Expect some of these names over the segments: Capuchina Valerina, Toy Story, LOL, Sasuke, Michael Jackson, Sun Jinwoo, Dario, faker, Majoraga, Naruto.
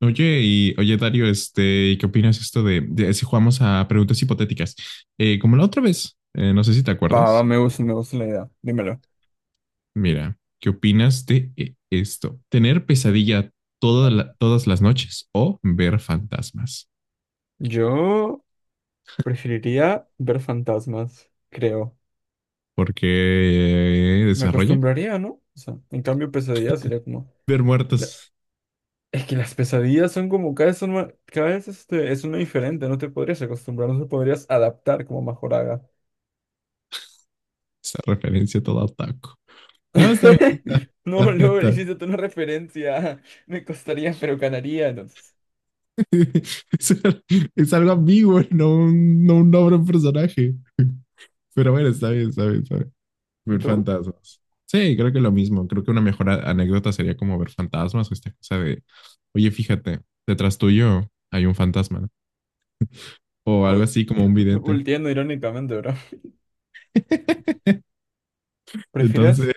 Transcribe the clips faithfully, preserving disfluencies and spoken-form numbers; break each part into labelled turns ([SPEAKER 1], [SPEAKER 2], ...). [SPEAKER 1] Oye, y oye, Dario, este, ¿y qué opinas esto de, de si jugamos a preguntas hipotéticas? Eh, como la otra vez, eh, no sé si te
[SPEAKER 2] Va, va,
[SPEAKER 1] acuerdas.
[SPEAKER 2] me gusta, me gusta la idea. Dímelo.
[SPEAKER 1] Mira, ¿qué opinas de eh, esto? ¿Tener pesadilla toda la- todas las noches o ver fantasmas?
[SPEAKER 2] Yo preferiría ver fantasmas, creo.
[SPEAKER 1] Porque eh,
[SPEAKER 2] Me
[SPEAKER 1] desarrolla
[SPEAKER 2] acostumbraría, ¿no? O sea, en cambio, pesadillas sería como
[SPEAKER 1] ver
[SPEAKER 2] la-
[SPEAKER 1] muertos.
[SPEAKER 2] es que las pesadillas son como cada vez son ma- cada vez este, es una diferente, no te podrías acostumbrar, no te podrías adaptar como Majoraga.
[SPEAKER 1] Esa referencia toda otaku. No, está bien, está, está
[SPEAKER 2] No,
[SPEAKER 1] bien,
[SPEAKER 2] no,
[SPEAKER 1] está.
[SPEAKER 2] hiciste tú una referencia. Me costaría, pero ganaría, entonces.
[SPEAKER 1] Es, es algo ambiguo, no un, no un nombre, un personaje. Pero bueno, está bien, está bien, está bien.
[SPEAKER 2] ¿Y
[SPEAKER 1] Ver
[SPEAKER 2] tú?
[SPEAKER 1] fantasmas. Sí, creo que lo mismo. Creo que una mejor a- anécdota sería como ver fantasmas o esta cosa de, oye, fíjate, detrás tuyo hay un fantasma, ¿no? O algo
[SPEAKER 2] Uy,
[SPEAKER 1] así como un vidente.
[SPEAKER 2] volteando irónicamente, bro.
[SPEAKER 1] Entonces,
[SPEAKER 2] ¿Prefieres?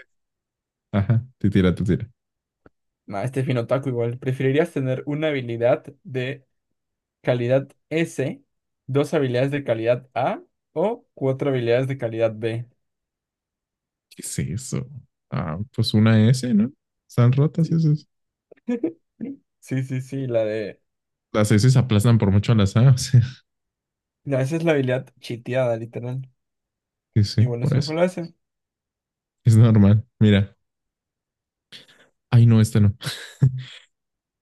[SPEAKER 1] ajá, te tira, te tira.
[SPEAKER 2] Nah, este es bien otaku igual. ¿Preferirías tener una habilidad de calidad S, dos habilidades de calidad A o cuatro habilidades de calidad B?
[SPEAKER 1] ¿Qué es eso? Ah, pues una ese, ¿no? Están rotas
[SPEAKER 2] Sí,
[SPEAKER 1] esas.
[SPEAKER 2] sí, sí, sí, la de...
[SPEAKER 1] Las eses aplazan por mucho a las aes, o sea,
[SPEAKER 2] no, esa es la habilidad chiteada, literal.
[SPEAKER 1] sí, sí,
[SPEAKER 2] Y bueno,
[SPEAKER 1] por
[SPEAKER 2] eso fue
[SPEAKER 1] eso.
[SPEAKER 2] la S.
[SPEAKER 1] Es normal. Mira, ay, no, este no.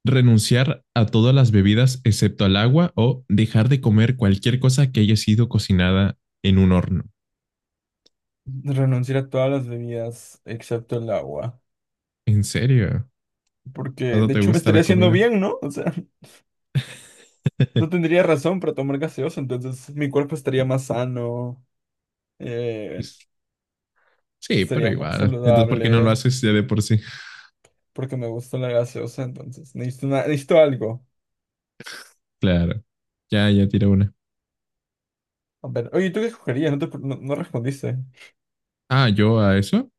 [SPEAKER 1] Renunciar a todas las bebidas excepto al agua o dejar de comer cualquier cosa que haya sido cocinada en un horno.
[SPEAKER 2] Renunciar a todas las bebidas excepto el agua.
[SPEAKER 1] ¿En serio?
[SPEAKER 2] Porque
[SPEAKER 1] ¿Tanto
[SPEAKER 2] de
[SPEAKER 1] te
[SPEAKER 2] hecho me
[SPEAKER 1] gusta
[SPEAKER 2] estaría
[SPEAKER 1] la
[SPEAKER 2] haciendo
[SPEAKER 1] comida?
[SPEAKER 2] bien, ¿no? O sea, no tendría razón para tomar gaseosa, entonces mi cuerpo estaría más sano, eh,
[SPEAKER 1] Sí, pero
[SPEAKER 2] estaría más
[SPEAKER 1] igual. Entonces, ¿por qué no lo
[SPEAKER 2] saludable,
[SPEAKER 1] haces ya de por sí?
[SPEAKER 2] porque me gusta la gaseosa, entonces necesito, una- necesito algo.
[SPEAKER 1] Claro. Ya, ya tira una.
[SPEAKER 2] A ver, oye, ¿tú qué escogerías? No, te- no- no respondiste.
[SPEAKER 1] Ah, yo a eso.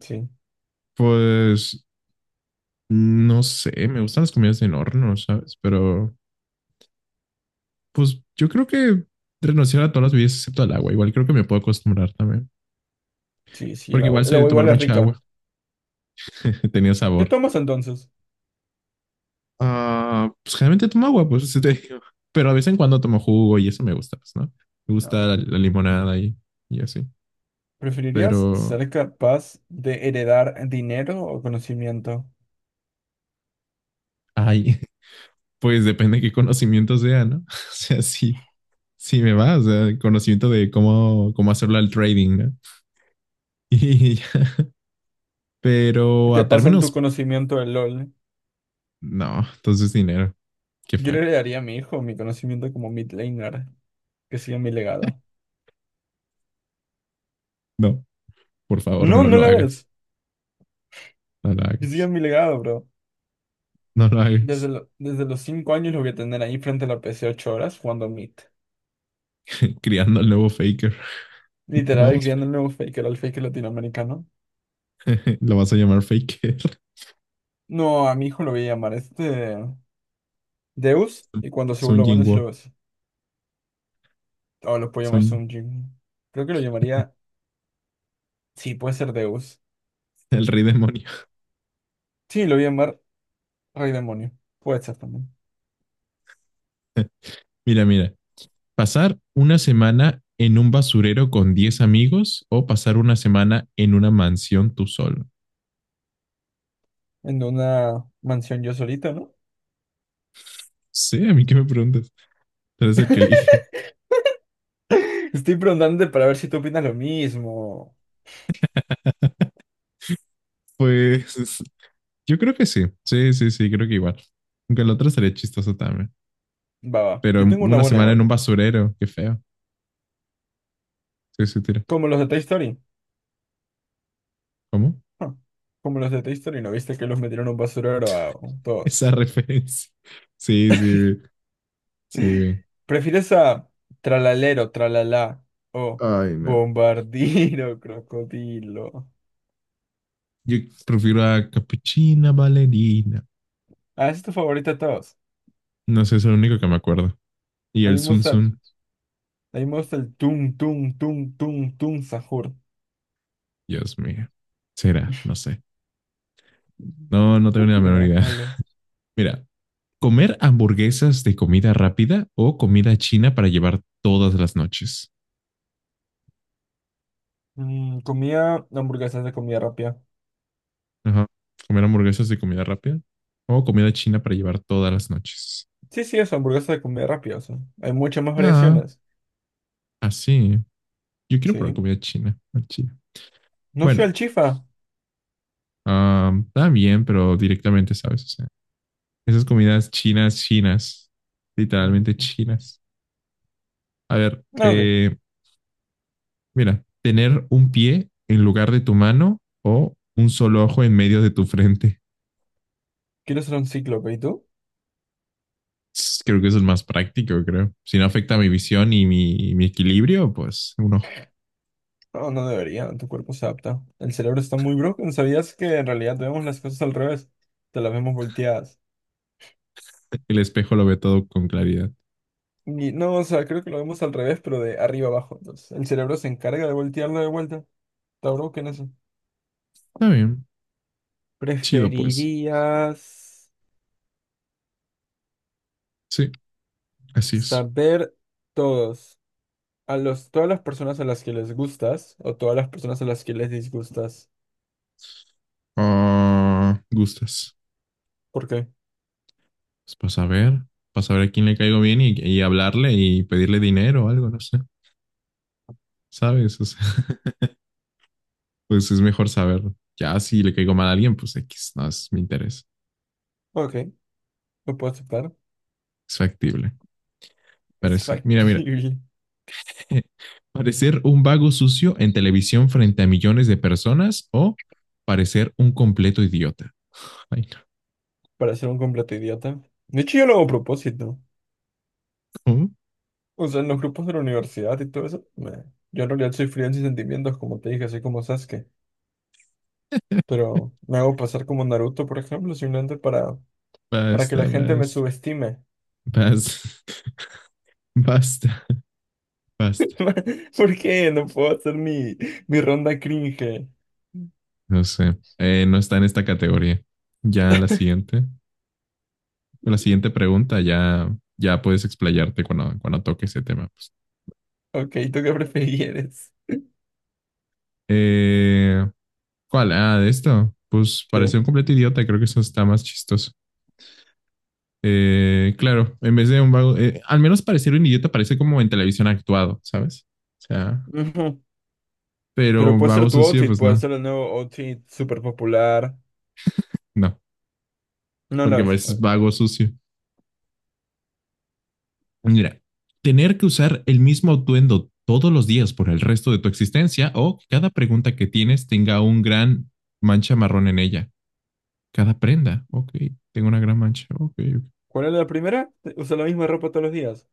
[SPEAKER 2] Sí,
[SPEAKER 1] Pues no sé, me gustan las comidas en horno, ¿sabes? Pero pues yo creo que renunciar a todas las bebidas excepto al agua. Igual creo que me puedo acostumbrar también.
[SPEAKER 2] sí, sí, el
[SPEAKER 1] Porque
[SPEAKER 2] agua,
[SPEAKER 1] igual
[SPEAKER 2] el
[SPEAKER 1] soy de
[SPEAKER 2] agua
[SPEAKER 1] tomar
[SPEAKER 2] igual es
[SPEAKER 1] mucha
[SPEAKER 2] rica.
[SPEAKER 1] agua. Tenía
[SPEAKER 2] ¿Qué
[SPEAKER 1] sabor.
[SPEAKER 2] tomas entonces?
[SPEAKER 1] Ah, pues generalmente tomo agua, pues sí te digo. Pero a veces en cuando tomo jugo y eso me gusta, pues, ¿no? Me
[SPEAKER 2] No,
[SPEAKER 1] gusta la,
[SPEAKER 2] ok.
[SPEAKER 1] la limonada y, y así.
[SPEAKER 2] ¿Preferirías
[SPEAKER 1] Pero,
[SPEAKER 2] ser capaz de heredar dinero o conocimiento?
[SPEAKER 1] ay, pues depende de qué conocimiento sea, ¿no? O sea, sí, sí me va, o sea, el conocimiento de cómo, cómo hacerlo al trading, ¿no? Y, ya.
[SPEAKER 2] Si
[SPEAKER 1] Pero
[SPEAKER 2] te
[SPEAKER 1] a
[SPEAKER 2] pasan tu
[SPEAKER 1] términos,
[SPEAKER 2] conocimiento de LOL,
[SPEAKER 1] no, entonces dinero, qué
[SPEAKER 2] yo le
[SPEAKER 1] feo.
[SPEAKER 2] heredaría a mi hijo mi conocimiento como mid laner, que siga mi legado.
[SPEAKER 1] No, por favor,
[SPEAKER 2] No,
[SPEAKER 1] no
[SPEAKER 2] no
[SPEAKER 1] lo
[SPEAKER 2] la
[SPEAKER 1] hagas,
[SPEAKER 2] ves,
[SPEAKER 1] no lo
[SPEAKER 2] que siga
[SPEAKER 1] hagas,
[SPEAKER 2] mi legado, bro.
[SPEAKER 1] no lo
[SPEAKER 2] Desde,
[SPEAKER 1] hagas.
[SPEAKER 2] lo- desde los cinco años lo voy a tener ahí frente a la P C ocho horas jugando mid.
[SPEAKER 1] Criando al nuevo faker.
[SPEAKER 2] Literal,
[SPEAKER 1] Vamos,
[SPEAKER 2] criando el nuevo faker, el faker latinoamericano.
[SPEAKER 1] lo vas a llamar faker.
[SPEAKER 2] No, a mi hijo lo voy a llamar este. Deus, y cuando se
[SPEAKER 1] Sun
[SPEAKER 2] vuelva bueno, si lo
[SPEAKER 1] Jinwoo,
[SPEAKER 2] ves. O lo puedo llamar
[SPEAKER 1] Sun,
[SPEAKER 2] Sunjin. Creo que lo llamaría. Sí, puede ser Deus.
[SPEAKER 1] el rey demonio.
[SPEAKER 2] Sí, lo voy a llamar Rey Demonio. Puede ser también.
[SPEAKER 1] Mira, mira, pasar una semana en un basurero con diez amigos o pasar una semana en una mansión tú solo.
[SPEAKER 2] En una mansión yo solito, ¿no?
[SPEAKER 1] Sí, a mí qué me preguntas. Tú eres el que elige.
[SPEAKER 2] Estoy preguntándote para ver si tú opinas lo mismo.
[SPEAKER 1] Pues yo creo que sí. Sí, sí, sí, creo que igual. Aunque el otro sería chistoso también.
[SPEAKER 2] Va, va.
[SPEAKER 1] Pero
[SPEAKER 2] Yo tengo una
[SPEAKER 1] una
[SPEAKER 2] buena
[SPEAKER 1] semana en
[SPEAKER 2] igual.
[SPEAKER 1] un basurero, qué feo. Sí, sí, tira.
[SPEAKER 2] Como los de Toy Story.
[SPEAKER 1] ¿Cómo?
[SPEAKER 2] Ah, como los de Toy Story, ¿no viste que los metieron en un basurero a todos?
[SPEAKER 1] Esa referencia. Sí, sí, sí. Sí.
[SPEAKER 2] ¿Prefieres a tralalero, Tralala o
[SPEAKER 1] Ay, no.
[SPEAKER 2] bombardino, crocodilo?
[SPEAKER 1] Yo prefiero a Capuchina Valerina.
[SPEAKER 2] Ah, esa es tu favorita de todos.
[SPEAKER 1] No sé, es el único que me acuerdo. Y
[SPEAKER 2] A mí
[SPEAKER 1] el
[SPEAKER 2] me
[SPEAKER 1] Sun
[SPEAKER 2] gusta,
[SPEAKER 1] Sun,
[SPEAKER 2] a mí me gusta el tum, tum, tum, tum, tum, sahur.
[SPEAKER 1] Dios mío. Será, no sé. No, no
[SPEAKER 2] No
[SPEAKER 1] tengo ni la
[SPEAKER 2] tiene
[SPEAKER 1] menor
[SPEAKER 2] nada de
[SPEAKER 1] idea.
[SPEAKER 2] malo.
[SPEAKER 1] Mira, comer hamburguesas de comida rápida o comida china para llevar todas las noches.
[SPEAKER 2] Mm, comía hamburguesas de comida rápida.
[SPEAKER 1] Ajá. Comer hamburguesas de comida rápida o comida china para llevar todas las noches.
[SPEAKER 2] Sí, sí, eso, hamburguesas de comida rápida, o sea, hay muchas más
[SPEAKER 1] Ah,
[SPEAKER 2] variaciones.
[SPEAKER 1] así. Yo quiero probar
[SPEAKER 2] Sí.
[SPEAKER 1] comida china. Ah, china.
[SPEAKER 2] No soy
[SPEAKER 1] Bueno,
[SPEAKER 2] al chifa.
[SPEAKER 1] ah, está bien, pero directamente, ¿sabes? O sea, esas comidas chinas, chinas.
[SPEAKER 2] No.
[SPEAKER 1] Literalmente chinas. A ver,
[SPEAKER 2] Ah, ok.
[SPEAKER 1] eh, mira, tener un pie en lugar de tu mano o un solo ojo en medio de tu frente.
[SPEAKER 2] Quiero ser un cíclope, ¿y tú?
[SPEAKER 1] Creo que eso es más práctico, creo. Si no afecta mi visión y mi, mi equilibrio, pues un ojo.
[SPEAKER 2] No, no debería, tu cuerpo se adapta. El cerebro está muy broken. ¿Sabías que en realidad vemos las cosas al revés? Te las vemos volteadas.
[SPEAKER 1] El espejo lo ve todo con claridad.
[SPEAKER 2] Y no, o sea, creo que lo vemos al revés, pero de arriba abajo. Entonces, el cerebro se encarga de voltearlo de vuelta. Tauro, ¿qué en eso?
[SPEAKER 1] Está bien. Chido, pues.
[SPEAKER 2] ¿Preferirías
[SPEAKER 1] Sí, así es.
[SPEAKER 2] saber todos, a los, todas las personas a las que les gustas o todas las personas a las que les disgustas?
[SPEAKER 1] Ah, gustas.
[SPEAKER 2] ¿Por qué?
[SPEAKER 1] Pues para saber, para saber a quién le caigo bien y, y hablarle y pedirle dinero o algo, no sé. ¿Sabes? O sea, pues es mejor saber. Ya si le caigo mal a alguien, pues equis, no es mi interés.
[SPEAKER 2] Ok, lo puedo aceptar.
[SPEAKER 1] Es factible.
[SPEAKER 2] Es
[SPEAKER 1] Parece, mira, mira.
[SPEAKER 2] factible.
[SPEAKER 1] Parecer un vago sucio en televisión frente a millones de personas o parecer un completo idiota. Ay,
[SPEAKER 2] Para ser un completo idiota. De hecho, yo lo hago a propósito.
[SPEAKER 1] no.
[SPEAKER 2] O sea, en los grupos de la universidad y todo eso, me yo en realidad soy frío en sentimientos, como te dije, soy como Sasuke. Pero me hago pasar como Naruto, por ejemplo, simplemente para, para que la
[SPEAKER 1] Basta,
[SPEAKER 2] gente me
[SPEAKER 1] basta,
[SPEAKER 2] subestime.
[SPEAKER 1] basta, basta, basta.
[SPEAKER 2] ¿Por qué? No puedo hacer mi, mi ronda cringe.
[SPEAKER 1] No sé. Eh, no está en esta categoría. Ya la siguiente, la siguiente, pregunta, ya, ya puedes explayarte cuando, cuando toque ese tema. Pues.
[SPEAKER 2] Ok, ¿tú qué prefieres?
[SPEAKER 1] Eh, ¿Cuál? Ah, de esto. Pues parecer un
[SPEAKER 2] Sí.
[SPEAKER 1] completo idiota. Creo que eso está más chistoso. Eh, claro, en vez de un vago, eh, al menos parecer un idiota parece como en televisión actuado, ¿sabes? O sea,
[SPEAKER 2] Ujú. Pero
[SPEAKER 1] pero
[SPEAKER 2] puede ser
[SPEAKER 1] vago
[SPEAKER 2] tu
[SPEAKER 1] sucio,
[SPEAKER 2] outfit,
[SPEAKER 1] pues
[SPEAKER 2] puede
[SPEAKER 1] no,
[SPEAKER 2] ser el nuevo outfit súper popular.
[SPEAKER 1] no,
[SPEAKER 2] No lo
[SPEAKER 1] porque
[SPEAKER 2] es.
[SPEAKER 1] pareces
[SPEAKER 2] Ok.
[SPEAKER 1] vago sucio. Mira, tener que usar el mismo atuendo todos los días por el resto de tu existencia o que cada pregunta que tienes tenga un gran mancha marrón en ella. Cada prenda, ok, tengo una gran mancha, ok, ok.
[SPEAKER 2] ¿Cuál es la primera? Eh, Usa la misma ropa todos los días.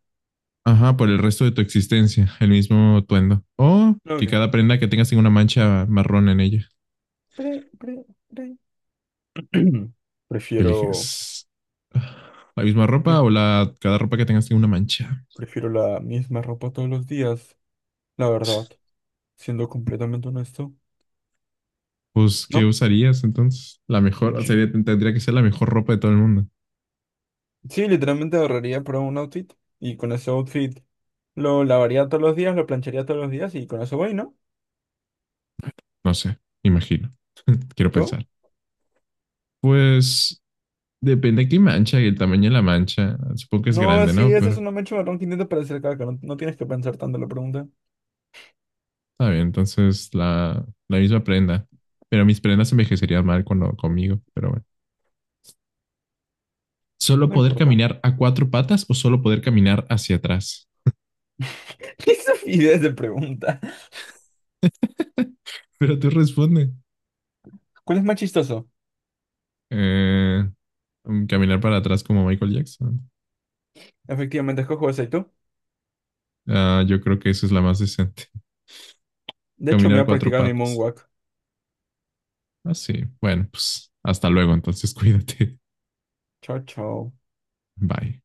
[SPEAKER 1] Ajá, por el resto de tu existencia, el mismo atuendo. O
[SPEAKER 2] No,
[SPEAKER 1] que
[SPEAKER 2] ok.
[SPEAKER 1] cada prenda que tengas tenga una mancha marrón en ella.
[SPEAKER 2] Pre- pre- pre.
[SPEAKER 1] ¿Qué
[SPEAKER 2] Prefiero,
[SPEAKER 1] eliges? ¿La misma ropa
[SPEAKER 2] pre-
[SPEAKER 1] o la, cada ropa que tengas tiene una mancha?
[SPEAKER 2] prefiero la misma ropa todos los días, la verdad, siendo completamente honesto.
[SPEAKER 1] Pues, ¿qué
[SPEAKER 2] ¿No?
[SPEAKER 1] usarías entonces? La mejor,
[SPEAKER 2] Yo-
[SPEAKER 1] sería, tendría que ser la mejor ropa de todo el mundo.
[SPEAKER 2] sí, literalmente ahorraría para un outfit y con ese outfit lo lavaría todos los días, lo plancharía todos los días y con eso voy, ¿no?
[SPEAKER 1] No sé, imagino,
[SPEAKER 2] ¿Y
[SPEAKER 1] quiero
[SPEAKER 2] tú?
[SPEAKER 1] pensar. Pues, depende de qué mancha y el tamaño de la mancha. Supongo que es
[SPEAKER 2] No,
[SPEAKER 1] grande,
[SPEAKER 2] sí,
[SPEAKER 1] ¿no?
[SPEAKER 2] ese es
[SPEAKER 1] Pero
[SPEAKER 2] un macho marrón que intenta parecer caca, no, no tienes que pensar tanto en la pregunta.
[SPEAKER 1] está bien, entonces la, la misma prenda. Pero mis prendas envejecerían mal cuando, conmigo, pero bueno. ¿Solo
[SPEAKER 2] No
[SPEAKER 1] poder
[SPEAKER 2] importa.
[SPEAKER 1] caminar a cuatro patas o solo poder caminar hacia atrás?
[SPEAKER 2] ¿Qué estupidez de pregunta?
[SPEAKER 1] Pero tú responde.
[SPEAKER 2] ¿Cuál es más chistoso?
[SPEAKER 1] Eh, Mm, Caminar para atrás como Michael Jackson.
[SPEAKER 2] Efectivamente, escojo ese, ¿y tú?
[SPEAKER 1] Ah, yo creo que esa es la más decente.
[SPEAKER 2] De hecho, me voy
[SPEAKER 1] Caminar
[SPEAKER 2] a
[SPEAKER 1] cuatro
[SPEAKER 2] practicar mi
[SPEAKER 1] patas.
[SPEAKER 2] moonwalk.
[SPEAKER 1] Ah, sí. Bueno, pues hasta luego, entonces cuídate.
[SPEAKER 2] Chao, chao.
[SPEAKER 1] Bye.